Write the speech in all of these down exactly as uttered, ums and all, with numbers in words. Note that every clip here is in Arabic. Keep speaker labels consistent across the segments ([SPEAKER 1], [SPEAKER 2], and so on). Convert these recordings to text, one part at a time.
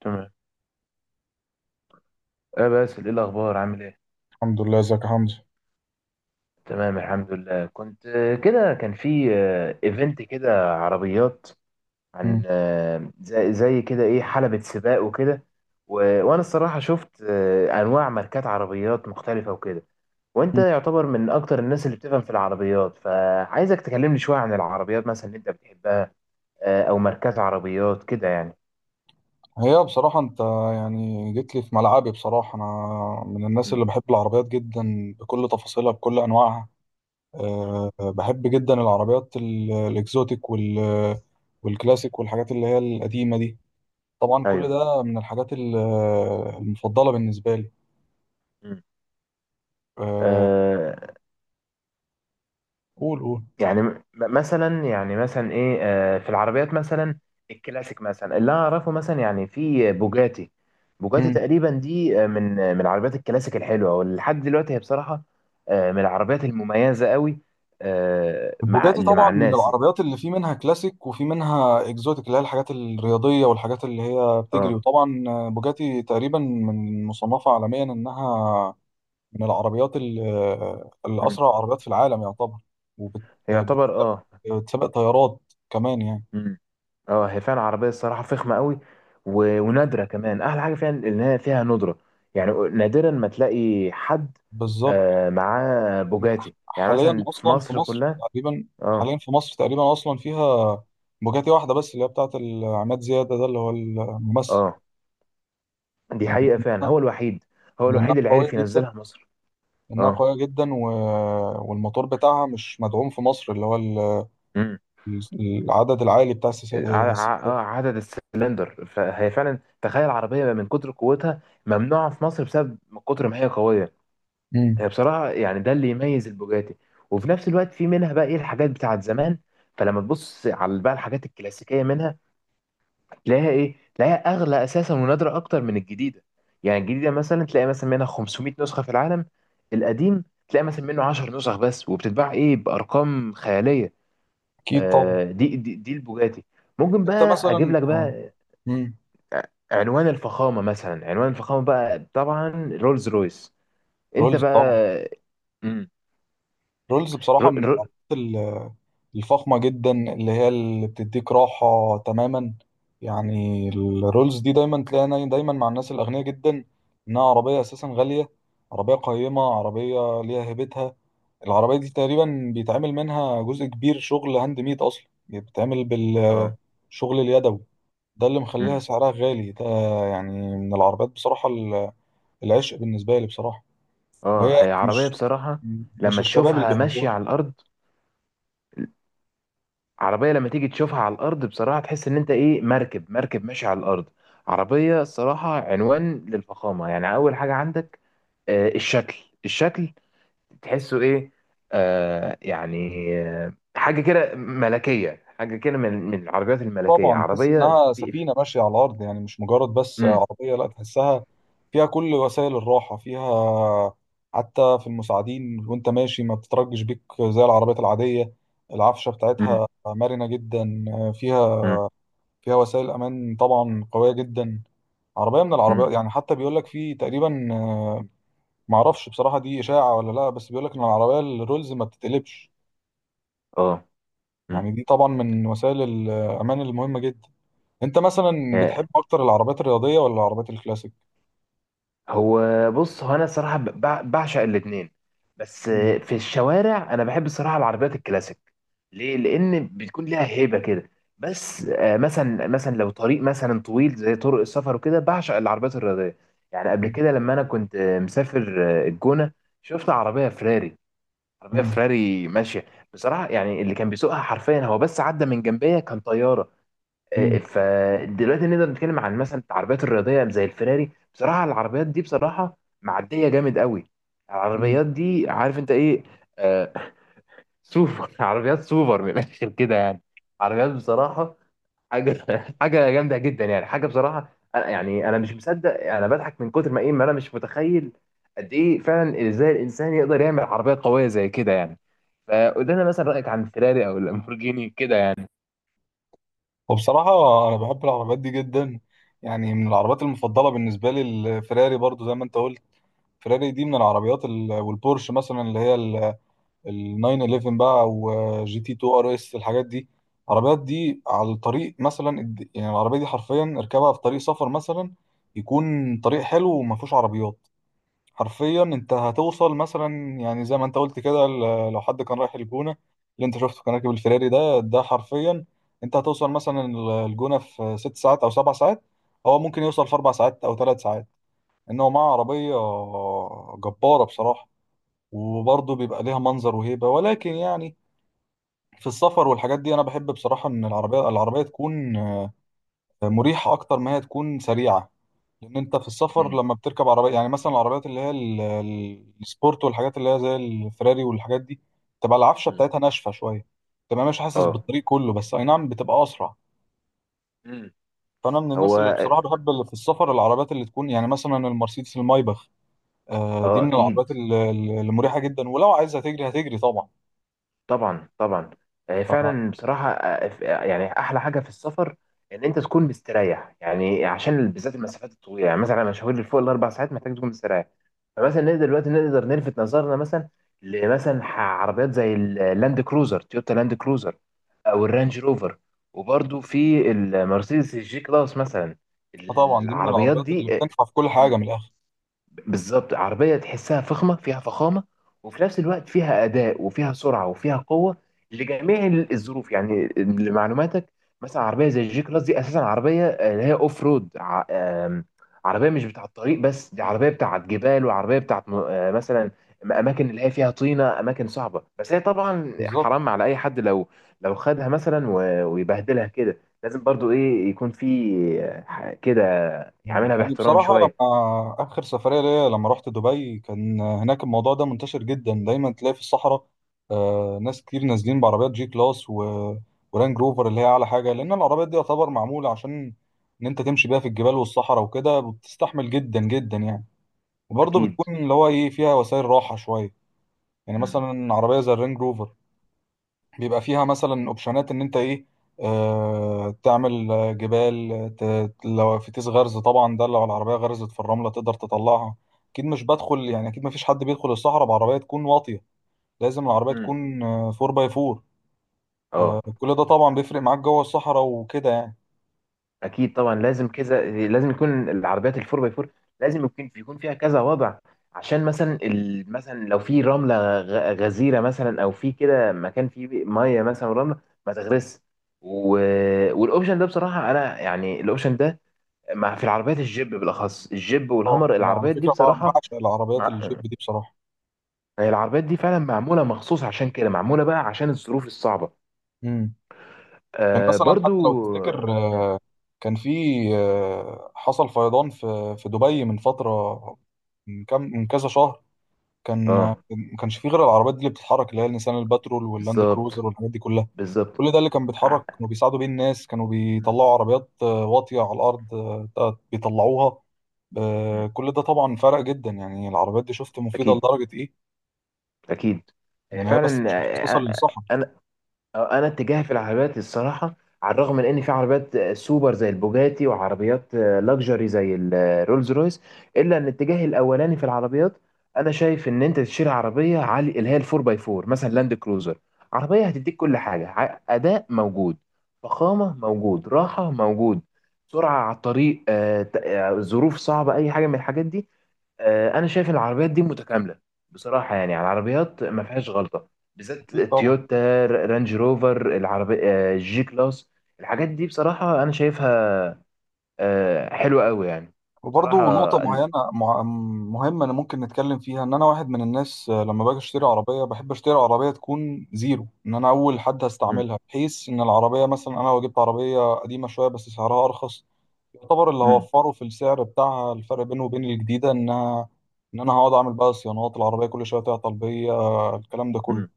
[SPEAKER 1] تمام. اه باسل، ايه الاخبار؟ عامل ايه؟
[SPEAKER 2] الحمد لله، ازيك يا حمزة؟
[SPEAKER 1] تمام، الحمد لله. كنت آه، كده كان في ايفنت كده، عربيات عن
[SPEAKER 2] مم.
[SPEAKER 1] آه، زي زي كده ايه، حلبة سباق وكده. و- وانا الصراحة شفت آه، انواع ماركات عربيات مختلفة وكده. وانت
[SPEAKER 2] مم.
[SPEAKER 1] يعتبر من اكتر الناس اللي بتفهم في العربيات، فعايزك تكلمني شوية عن العربيات مثلا اللي انت بتحبها، آه، او ماركات عربيات كده يعني.
[SPEAKER 2] هي بصراحة انت يعني جيت لي في ملعبي. بصراحة انا من الناس
[SPEAKER 1] م-
[SPEAKER 2] اللي بحب العربيات جدا بكل تفاصيلها بكل انواعها.
[SPEAKER 1] م.
[SPEAKER 2] أه، بحب جدا العربيات ال- الاكزوتيك وال والكلاسيك والحاجات اللي هي القديمة دي. طبعا كل
[SPEAKER 1] ايوه.
[SPEAKER 2] ده من الحاجات ال- المفضلة بالنسبة لي. أه،
[SPEAKER 1] مم.
[SPEAKER 2] قول قول.
[SPEAKER 1] يعني م- مثلا، يعني مثلا ايه آه، في العربيات مثلا الكلاسيك، مثلا اللي أنا اعرفه مثلا، يعني في بوجاتي. بوجاتي تقريبا دي آه، من آه، من العربيات الكلاسيك الحلوه، ولحد دلوقتي هي بصراحه آه، من العربيات المميزه قوي آه، مع
[SPEAKER 2] البوجاتي
[SPEAKER 1] اللي
[SPEAKER 2] طبعا
[SPEAKER 1] مع
[SPEAKER 2] من
[SPEAKER 1] الناس.
[SPEAKER 2] العربيات اللي في منها كلاسيك وفي منها اكزوتيك، اللي هي الحاجات الرياضيه والحاجات اللي هي بتجري.
[SPEAKER 1] اه.
[SPEAKER 2] وطبعا بوجاتي تقريبا من مصنفه عالميا انها من العربيات ال- اللي
[SPEAKER 1] مم.
[SPEAKER 2] اسرع عربيات في العالم يعتبر،
[SPEAKER 1] هي يعتبر اه.
[SPEAKER 2] وبتسابق طيارات كمان يعني.
[SPEAKER 1] مم. اه هي فعلا عربيه الصراحه فخمه قوي، و... ونادره كمان. احلى حاجه فيها ان هي فيها ندره، يعني نادرا ما تلاقي حد
[SPEAKER 2] بالظبط.
[SPEAKER 1] آه معاه بوجاتي، يعني
[SPEAKER 2] حاليا
[SPEAKER 1] مثلا في
[SPEAKER 2] اصلا في
[SPEAKER 1] مصر
[SPEAKER 2] مصر
[SPEAKER 1] كلها.
[SPEAKER 2] تقريبا
[SPEAKER 1] اه.
[SPEAKER 2] حاليا في مصر تقريبا اصلا فيها بوجاتي واحده بس، اللي هي بتاعت عماد زياده، ده اللي هو الممثل.
[SPEAKER 1] اه دي
[SPEAKER 2] يعني
[SPEAKER 1] حقيقه فعلا
[SPEAKER 2] لانها
[SPEAKER 1] هو الوحيد هو
[SPEAKER 2] لأنها
[SPEAKER 1] الوحيد اللي
[SPEAKER 2] قويه
[SPEAKER 1] عرف
[SPEAKER 2] جدا،
[SPEAKER 1] ينزلها مصر
[SPEAKER 2] انها
[SPEAKER 1] اه
[SPEAKER 2] قويه جدا و... والموتور بتاعها مش مدعوم في مصر، اللي هو ال...
[SPEAKER 1] امم
[SPEAKER 2] ال- العدد العالي بتاع السي...
[SPEAKER 1] ع... ع...
[SPEAKER 2] السي...
[SPEAKER 1] آه، عدد السلندر فهي فعلا تخيل عربيه من كتر قوتها ممنوعه في مصر بسبب من كتر ما هي قويه
[SPEAKER 2] مم.
[SPEAKER 1] هي بصراحة يعني ده اللي يميز البوجاتي وفي نفس الوقت في منها بقى ايه الحاجات بتاعت زمان فلما تبص على بقى الحاجات الكلاسيكية منها تلاقيها ايه تلاقيها اغلى اساسا ونادرة اكتر من الجديدة يعني الجديدة مثلا تلاقي مثلا منها خمسمئة نسخة في العالم القديم تلاقي مثلا منه عشر نسخ بس وبتتباع ايه بارقام خيالية
[SPEAKER 2] اكيد طبعا.
[SPEAKER 1] آه دي دي, دي البوجاتي. ممكن
[SPEAKER 2] انت
[SPEAKER 1] بقى اجيب
[SPEAKER 2] مثلا
[SPEAKER 1] لك
[SPEAKER 2] آه،
[SPEAKER 1] بقى
[SPEAKER 2] مم.
[SPEAKER 1] عنوان الفخامة، مثلا عنوان الفخامة بقى طبعا رولز رويس. انت
[SPEAKER 2] رولز
[SPEAKER 1] بقى.
[SPEAKER 2] طبعا.
[SPEAKER 1] مم.
[SPEAKER 2] رولز
[SPEAKER 1] رو...
[SPEAKER 2] بصراحه من
[SPEAKER 1] رو...
[SPEAKER 2] العربيات ال- الفخمه جدا اللي هي اللي بتديك راحه تماما. يعني الرولز دي دايما تلاقيها دايما مع الناس الاغنياء جدا، انها عربيه اساسا غاليه، عربيه قيمه، عربيه ليها هيبتها. العربية دي تقريبا بيتعمل منها جزء كبير شغل هاند ميد أصلا، يعني بتتعمل
[SPEAKER 1] اه.
[SPEAKER 2] بالشغل اليدوي، ده اللي مخليها
[SPEAKER 1] مم.
[SPEAKER 2] سعرها غالي ده. يعني من العربيات بصراحة ال- العشق بالنسبة لي بصراحة.
[SPEAKER 1] اه
[SPEAKER 2] وهي
[SPEAKER 1] هي عربية
[SPEAKER 2] مش
[SPEAKER 1] بصراحة
[SPEAKER 2] مش
[SPEAKER 1] لما
[SPEAKER 2] الشباب اللي
[SPEAKER 1] تشوفها
[SPEAKER 2] بيحبوها.
[SPEAKER 1] ماشية على الأرض، عربية لما تيجي تشوفها على الأرض بصراحة تحس إن أنت إيه، مركب، مركب ماشي على الأرض. عربية الصراحة عنوان للفخامة، يعني أول حاجة عندك آه الشكل، الشكل تحسه إيه، آه يعني آه حاجة كده ملكية، حاجة كده من من العربيات الملكية،
[SPEAKER 2] طبعا تحس
[SPEAKER 1] عربية
[SPEAKER 2] إنها
[SPEAKER 1] في في-
[SPEAKER 2] سفينة ماشية على الأرض، يعني مش مجرد بس
[SPEAKER 1] مم.
[SPEAKER 2] عربية، لا تحسها فيها كل وسائل الراحة، فيها حتى في المساعدين وانت ماشي ما بتترجش بيك زي العربيات العادية. العفشة
[SPEAKER 1] مم.
[SPEAKER 2] بتاعتها مرنة جدا. فيها
[SPEAKER 1] مم.
[SPEAKER 2] فيها وسائل امان طبعا قويه جدا. عربيه من
[SPEAKER 1] مم.
[SPEAKER 2] العربيات، يعني حتى بيقول لك في تقريبا آه، معرفش بصراحه دي اشاعه ولا لا، بس بيقول لك ان العربيه الرولز ما بتتقلبش.
[SPEAKER 1] اه.
[SPEAKER 2] يعني دي طبعا من وسائل الامان المهمه جدا. انت مثلا
[SPEAKER 1] مم.
[SPEAKER 2] بتحب اكتر العربيات الرياضيه ولا العربيات الكلاسيك؟
[SPEAKER 1] هو، بص هو انا الصراحه ب- بع- بعشق الاثنين، بس
[SPEAKER 2] مم.
[SPEAKER 1] في الشوارع انا بحب الصراحه العربيات الكلاسيك، ليه؟ لان بتكون ليها هيبه كده. بس آه، مثلا مثلا لو طريق مثلا طويل زي طرق السفر وكده، بعشق العربيات الرياضيه. يعني قبل
[SPEAKER 2] مم.
[SPEAKER 1] كده لما انا كنت آه، مسافر آه، الجونه، شفت عربيه فراري، عربيه
[SPEAKER 2] مم.
[SPEAKER 1] فراري ماشيه، بصراحه يعني اللي كان بيسوقها حرفيا، هو بس عدى من جنبيا كان طياره.
[SPEAKER 2] مم.
[SPEAKER 1] فدلوقتي نقدر نتكلم عن مثلا العربيات الرياضيه زي الفيراري. بصراحه العربيات دي بصراحه معديه جامد قوي.
[SPEAKER 2] مم.
[SPEAKER 1] العربيات دي عارف انت ايه؟ آه سوبر، عربيات سوبر من الاخر كده يعني. عربيات بصراحه حاجه، حاجه جامده جدا يعني، حاجه بصراحه أنا يعني، انا مش مصدق، انا بضحك من كتر ما ايه، ما انا مش متخيل قد ايه فعلا ازاي الانسان يقدر يعمل عربيه قويه زي كده يعني. فقلنا مثلا رايك عن الفيراري او اللامبورجيني كده يعني.
[SPEAKER 2] وبصراحه انا بحب العربيات دي جدا، يعني من العربيات المفضله بالنسبه لي الفراري برضو زي ما انت قلت. فراري دي من العربيات ال- والبورش مثلا اللي هي ال ناين ون ون بقى، وجي تي اتنين ار اس، الحاجات دي. العربيات دي على الطريق مثلا الد- يعني العربيه دي حرفيا اركبها في طريق سفر مثلا يكون طريق حلو وما فيهوش عربيات. حرفيا انت هتوصل مثلا، يعني زي ما انت قلت كده، ل- لو حد كان رايح الجونه اللي انت شفته كان راكب الفيراري، ده ده حرفيا انت هتوصل مثلا ال- الجونه في ست ساعات او سبع ساعات، هو ممكن يوصل في اربع ساعات او ثلاث ساعات. ان هو معاه عربيه جباره بصراحه، وبرضه بيبقى ليها منظر وهيبه. ولكن يعني في السفر والحاجات دي انا بحب بصراحه ان العربيه العربيه تكون مريحه اكتر ما هي تكون سريعه، لان انت في السفر
[SPEAKER 1] امم.
[SPEAKER 2] لما بتركب عربيه، يعني مثلا العربيات اللي هي ال- ال- السبورت والحاجات اللي هي زي الفراري والحاجات دي، تبقى العفشه
[SPEAKER 1] امم.
[SPEAKER 2] بتاعتها ناشفه شويه، تبقى مش حاسس
[SPEAKER 1] اه.
[SPEAKER 2] بالطريق كله، بس اي نعم بتبقى اسرع.
[SPEAKER 1] مم.
[SPEAKER 2] فانا من
[SPEAKER 1] هو
[SPEAKER 2] الناس اللي بصراحه بحب اللي في السفر العربيات اللي تكون يعني مثلا المرسيدس المايباخ. آه، دي
[SPEAKER 1] اه،
[SPEAKER 2] من
[SPEAKER 1] اكيد،
[SPEAKER 2] العربيات ال- ال- المريحه جدا، ولو عايزه تجري هتجري طبعا.
[SPEAKER 1] طبعا طبعا. آه،
[SPEAKER 2] ف-
[SPEAKER 1] فعلا بصراحه آه، آه، ف- آه، يعني احلى حاجه في السفر ان انت تكون مستريح، يعني عشان بالذات المسافات الطويله، يعني مثلا المشاوير اللي فوق الاربع ساعات محتاج تكون مستريح. فمثلا نقدر دلوقتي، نقدر نلفت نظرنا مثلا لمثلا ح- عربيات زي اللاند كروزر، تويوتا لاند كروزر، او الرانج روفر، وبرده في المرسيدس الجي كلاس مثلا.
[SPEAKER 2] فطبعا دي من
[SPEAKER 1] العربيات
[SPEAKER 2] العربيات اللي
[SPEAKER 1] دي آه،
[SPEAKER 2] بتنفع في كل حاجه من الاخر.
[SPEAKER 1] بالظبط عربية تحسها فخمة، فيها فخامة، وفي نفس الوقت فيها أداء وفيها سرعة وفيها قوة لجميع الظروف. يعني لمعلوماتك مثلا عربية زي الجي كلاس دي أساسا عربية آه، اللي هي أوف رود، ع- آم، عربية مش بتاعة الطريق بس، دي عربية بتاعة جبال، وعربية بتاعة م- آه، مثلا أماكن اللي هي فيها طينة، أماكن صعبة. بس هي طبعا
[SPEAKER 2] بالظبط.
[SPEAKER 1] حرام على أي حد لو لو خدها مثلا و- ويبهدلها كده، لازم برضو إيه، يكون في آه، ح- كده، يعملها
[SPEAKER 2] يعني
[SPEAKER 1] باحترام
[SPEAKER 2] بصراحة
[SPEAKER 1] شوية.
[SPEAKER 2] لما آخر سفرية ليا لما رحت دبي كان هناك الموضوع ده منتشر جدا، دايما تلاقي في الصحراء آه، ناس كتير نازلين بعربيات جي كلاس و... ورانج روفر اللي هي أعلى حاجة، لأن العربيات دي يعتبر معمولة عشان إن أنت تمشي بيها في الجبال والصحراء وكده، بتستحمل جدا جدا يعني. وبرضه
[SPEAKER 1] أكيد.
[SPEAKER 2] بتكون اللي هو إيه فيها وسائل راحة شوية. يعني
[SPEAKER 1] مم.
[SPEAKER 2] مثلا عربية زي الرانج روفر بيبقى فيها مثلا اوبشنات ان انت ايه، آه تعمل جبال ت... لو في تيس غرز، طبعا ده لو العربيه غرزت في الرمله تقدر تطلعها. اكيد مش بدخل، يعني اكيد ما فيش حد بيدخل الصحراء بعربيه تكون واطيه، لازم العربيه
[SPEAKER 1] امم.
[SPEAKER 2] تكون أربعة باي أربعة،
[SPEAKER 1] اه
[SPEAKER 2] كل ده طبعا بيفرق معاك جوه الصحراء وكده يعني.
[SPEAKER 1] اكيد طبعا، لازم كذا، لازم يكون العربيات الفور باي فور، لازم يكون، يكون فيها كذا وضع، عشان مثلا ال... مثلا لو في رمله غ- غزيره مثلا، او في كده مكان فيه ميه مثلا ورمله، ما تغرس. و... والاوبشن ده بصراحه، انا يعني الاوبشن ده مع في العربيات الجيب بالاخص، الجيب
[SPEAKER 2] اه،
[SPEAKER 1] والهامر،
[SPEAKER 2] انا على
[SPEAKER 1] العربيات دي
[SPEAKER 2] فكره بع-
[SPEAKER 1] بصراحه
[SPEAKER 2] بعشق العربيات
[SPEAKER 1] مع...
[SPEAKER 2] الجيب دي بصراحه.
[SPEAKER 1] هي العربيات دي فعلا معموله مخصوص عشان كده، معموله بقى عشان الظروف الصعبه
[SPEAKER 2] امم كان
[SPEAKER 1] آه
[SPEAKER 2] مثلا، حتى لو
[SPEAKER 1] برضو.
[SPEAKER 2] تفتكر آه، كان في آه، حصل فيضان في في دبي من فتره، من كام من كذا شهر. كان ما
[SPEAKER 1] اه.
[SPEAKER 2] كانش فيه غير العربيات دي اللي بتتحرك، اللي هي النيسان الباترول واللاند
[SPEAKER 1] بالظبط،
[SPEAKER 2] كروزر والحاجات دي كلها.
[SPEAKER 1] بالظبط.
[SPEAKER 2] كل ده اللي كان بيتحرك،
[SPEAKER 1] ع-
[SPEAKER 2] كانوا بيساعدوا بيه الناس، كانوا بيطلعوا عربيات آه، واطية على الأرض، آه، آه، بيطلعوها.
[SPEAKER 1] مم.
[SPEAKER 2] آه، كل ده طبعا فرق جدا، يعني العربيات دي شفت مفيدة
[SPEAKER 1] اكيد،
[SPEAKER 2] لدرجة إيه.
[SPEAKER 1] اكيد. آه،
[SPEAKER 2] يعني هي بس
[SPEAKER 1] فعلا
[SPEAKER 2] مش مخصصة
[SPEAKER 1] آه،
[SPEAKER 2] للصحة.
[SPEAKER 1] آه، انا آه، انا اتجاهي في العربيات الصراحه، على الرغم من ان في عربيات آه، سوبر زي البوجاتي، وعربيات آه، لكجري زي الرولز رويس، الا ان اتجاهي الاولاني في العربيات، انا شايف ان انت تشتري عربيه عالي اللي هي الفور باي فور، مثلا لاند كروزر، عربيه هتديك كل حاجه، ع- اداء موجود، فخامه موجود، راحه موجود، سرعه على الطريق آه، ت- آه، ظروف صعبه، اي حاجه من الحاجات دي. آه، انا شايف العربيات دي متكامله، بصراحه يعني على العربيات ما فيهاش غلطه، بالذات
[SPEAKER 2] أكيد طبعا.
[SPEAKER 1] تويوتا، رانج روفر، العربي آه، جي كلاس. الحاجات دي بصراحه انا شايفها آه، حلوه قوي يعني.
[SPEAKER 2] وبرضه
[SPEAKER 1] بصراحه
[SPEAKER 2] نقطة
[SPEAKER 1] أن-
[SPEAKER 2] معينة مع- مهمة أنا ممكن نتكلم فيها، إن أنا واحد من الناس آه، لما باجي أشتري عربية بحب أشتري عربية تكون زيرو، إن أنا أول حد
[SPEAKER 1] مم،
[SPEAKER 2] هستعملها، بحيث إن العربية مثلا أنا لو جبت عربية قديمة شوية بس سعرها أرخص، يعتبر اللي
[SPEAKER 1] مم،
[SPEAKER 2] هوفره في السعر بتاعها الفرق بينه وبين الجديدة، إنها إن أنا هقعد أعمل بقى صيانات العربية كل شوية تعطل بيا آه، الكلام ده كله.
[SPEAKER 1] مم،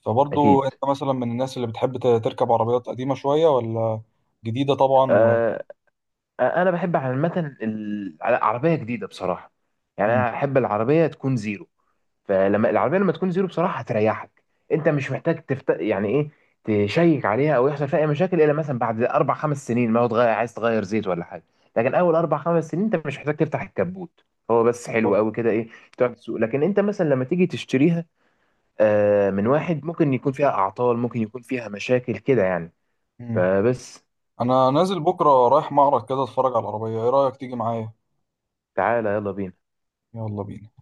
[SPEAKER 2] فبرضه
[SPEAKER 1] اكيد.
[SPEAKER 2] أنت مثلا من الناس اللي بتحب ت- تركب عربيات قديمة شوية ولا جديدة طبعا و...
[SPEAKER 1] آه، انا بحب عامه ال- عربيه جديده بصراحه، يعني
[SPEAKER 2] مم.
[SPEAKER 1] انا احب العربيه تكون زيرو. فلما العربيه لما تكون زيرو بصراحه هتريحك، انت مش محتاج تفت... يعني ايه، تشيك عليها او يحصل فيها اي مشاكل، الا مثلا بعد اربع خمس سنين، ما هو تغير، عايز تغير زيت ولا حاجه. لكن اول اربع خمس سنين انت مش محتاج تفتح الكبوت، هو بس حلو قوي كده ايه، تقعد تسوق. لكن انت مثلا لما تيجي تشتريها آه، من واحد، ممكن يكون فيها اعطال، ممكن يكون فيها مشاكل كده يعني.
[SPEAKER 2] مم.
[SPEAKER 1] فبس.
[SPEAKER 2] انا نازل بكره رايح معرض كده اتفرج على العربيه، ايه رايك تيجي معايا؟
[SPEAKER 1] تعالى يلا بينا.
[SPEAKER 2] يلا بينا.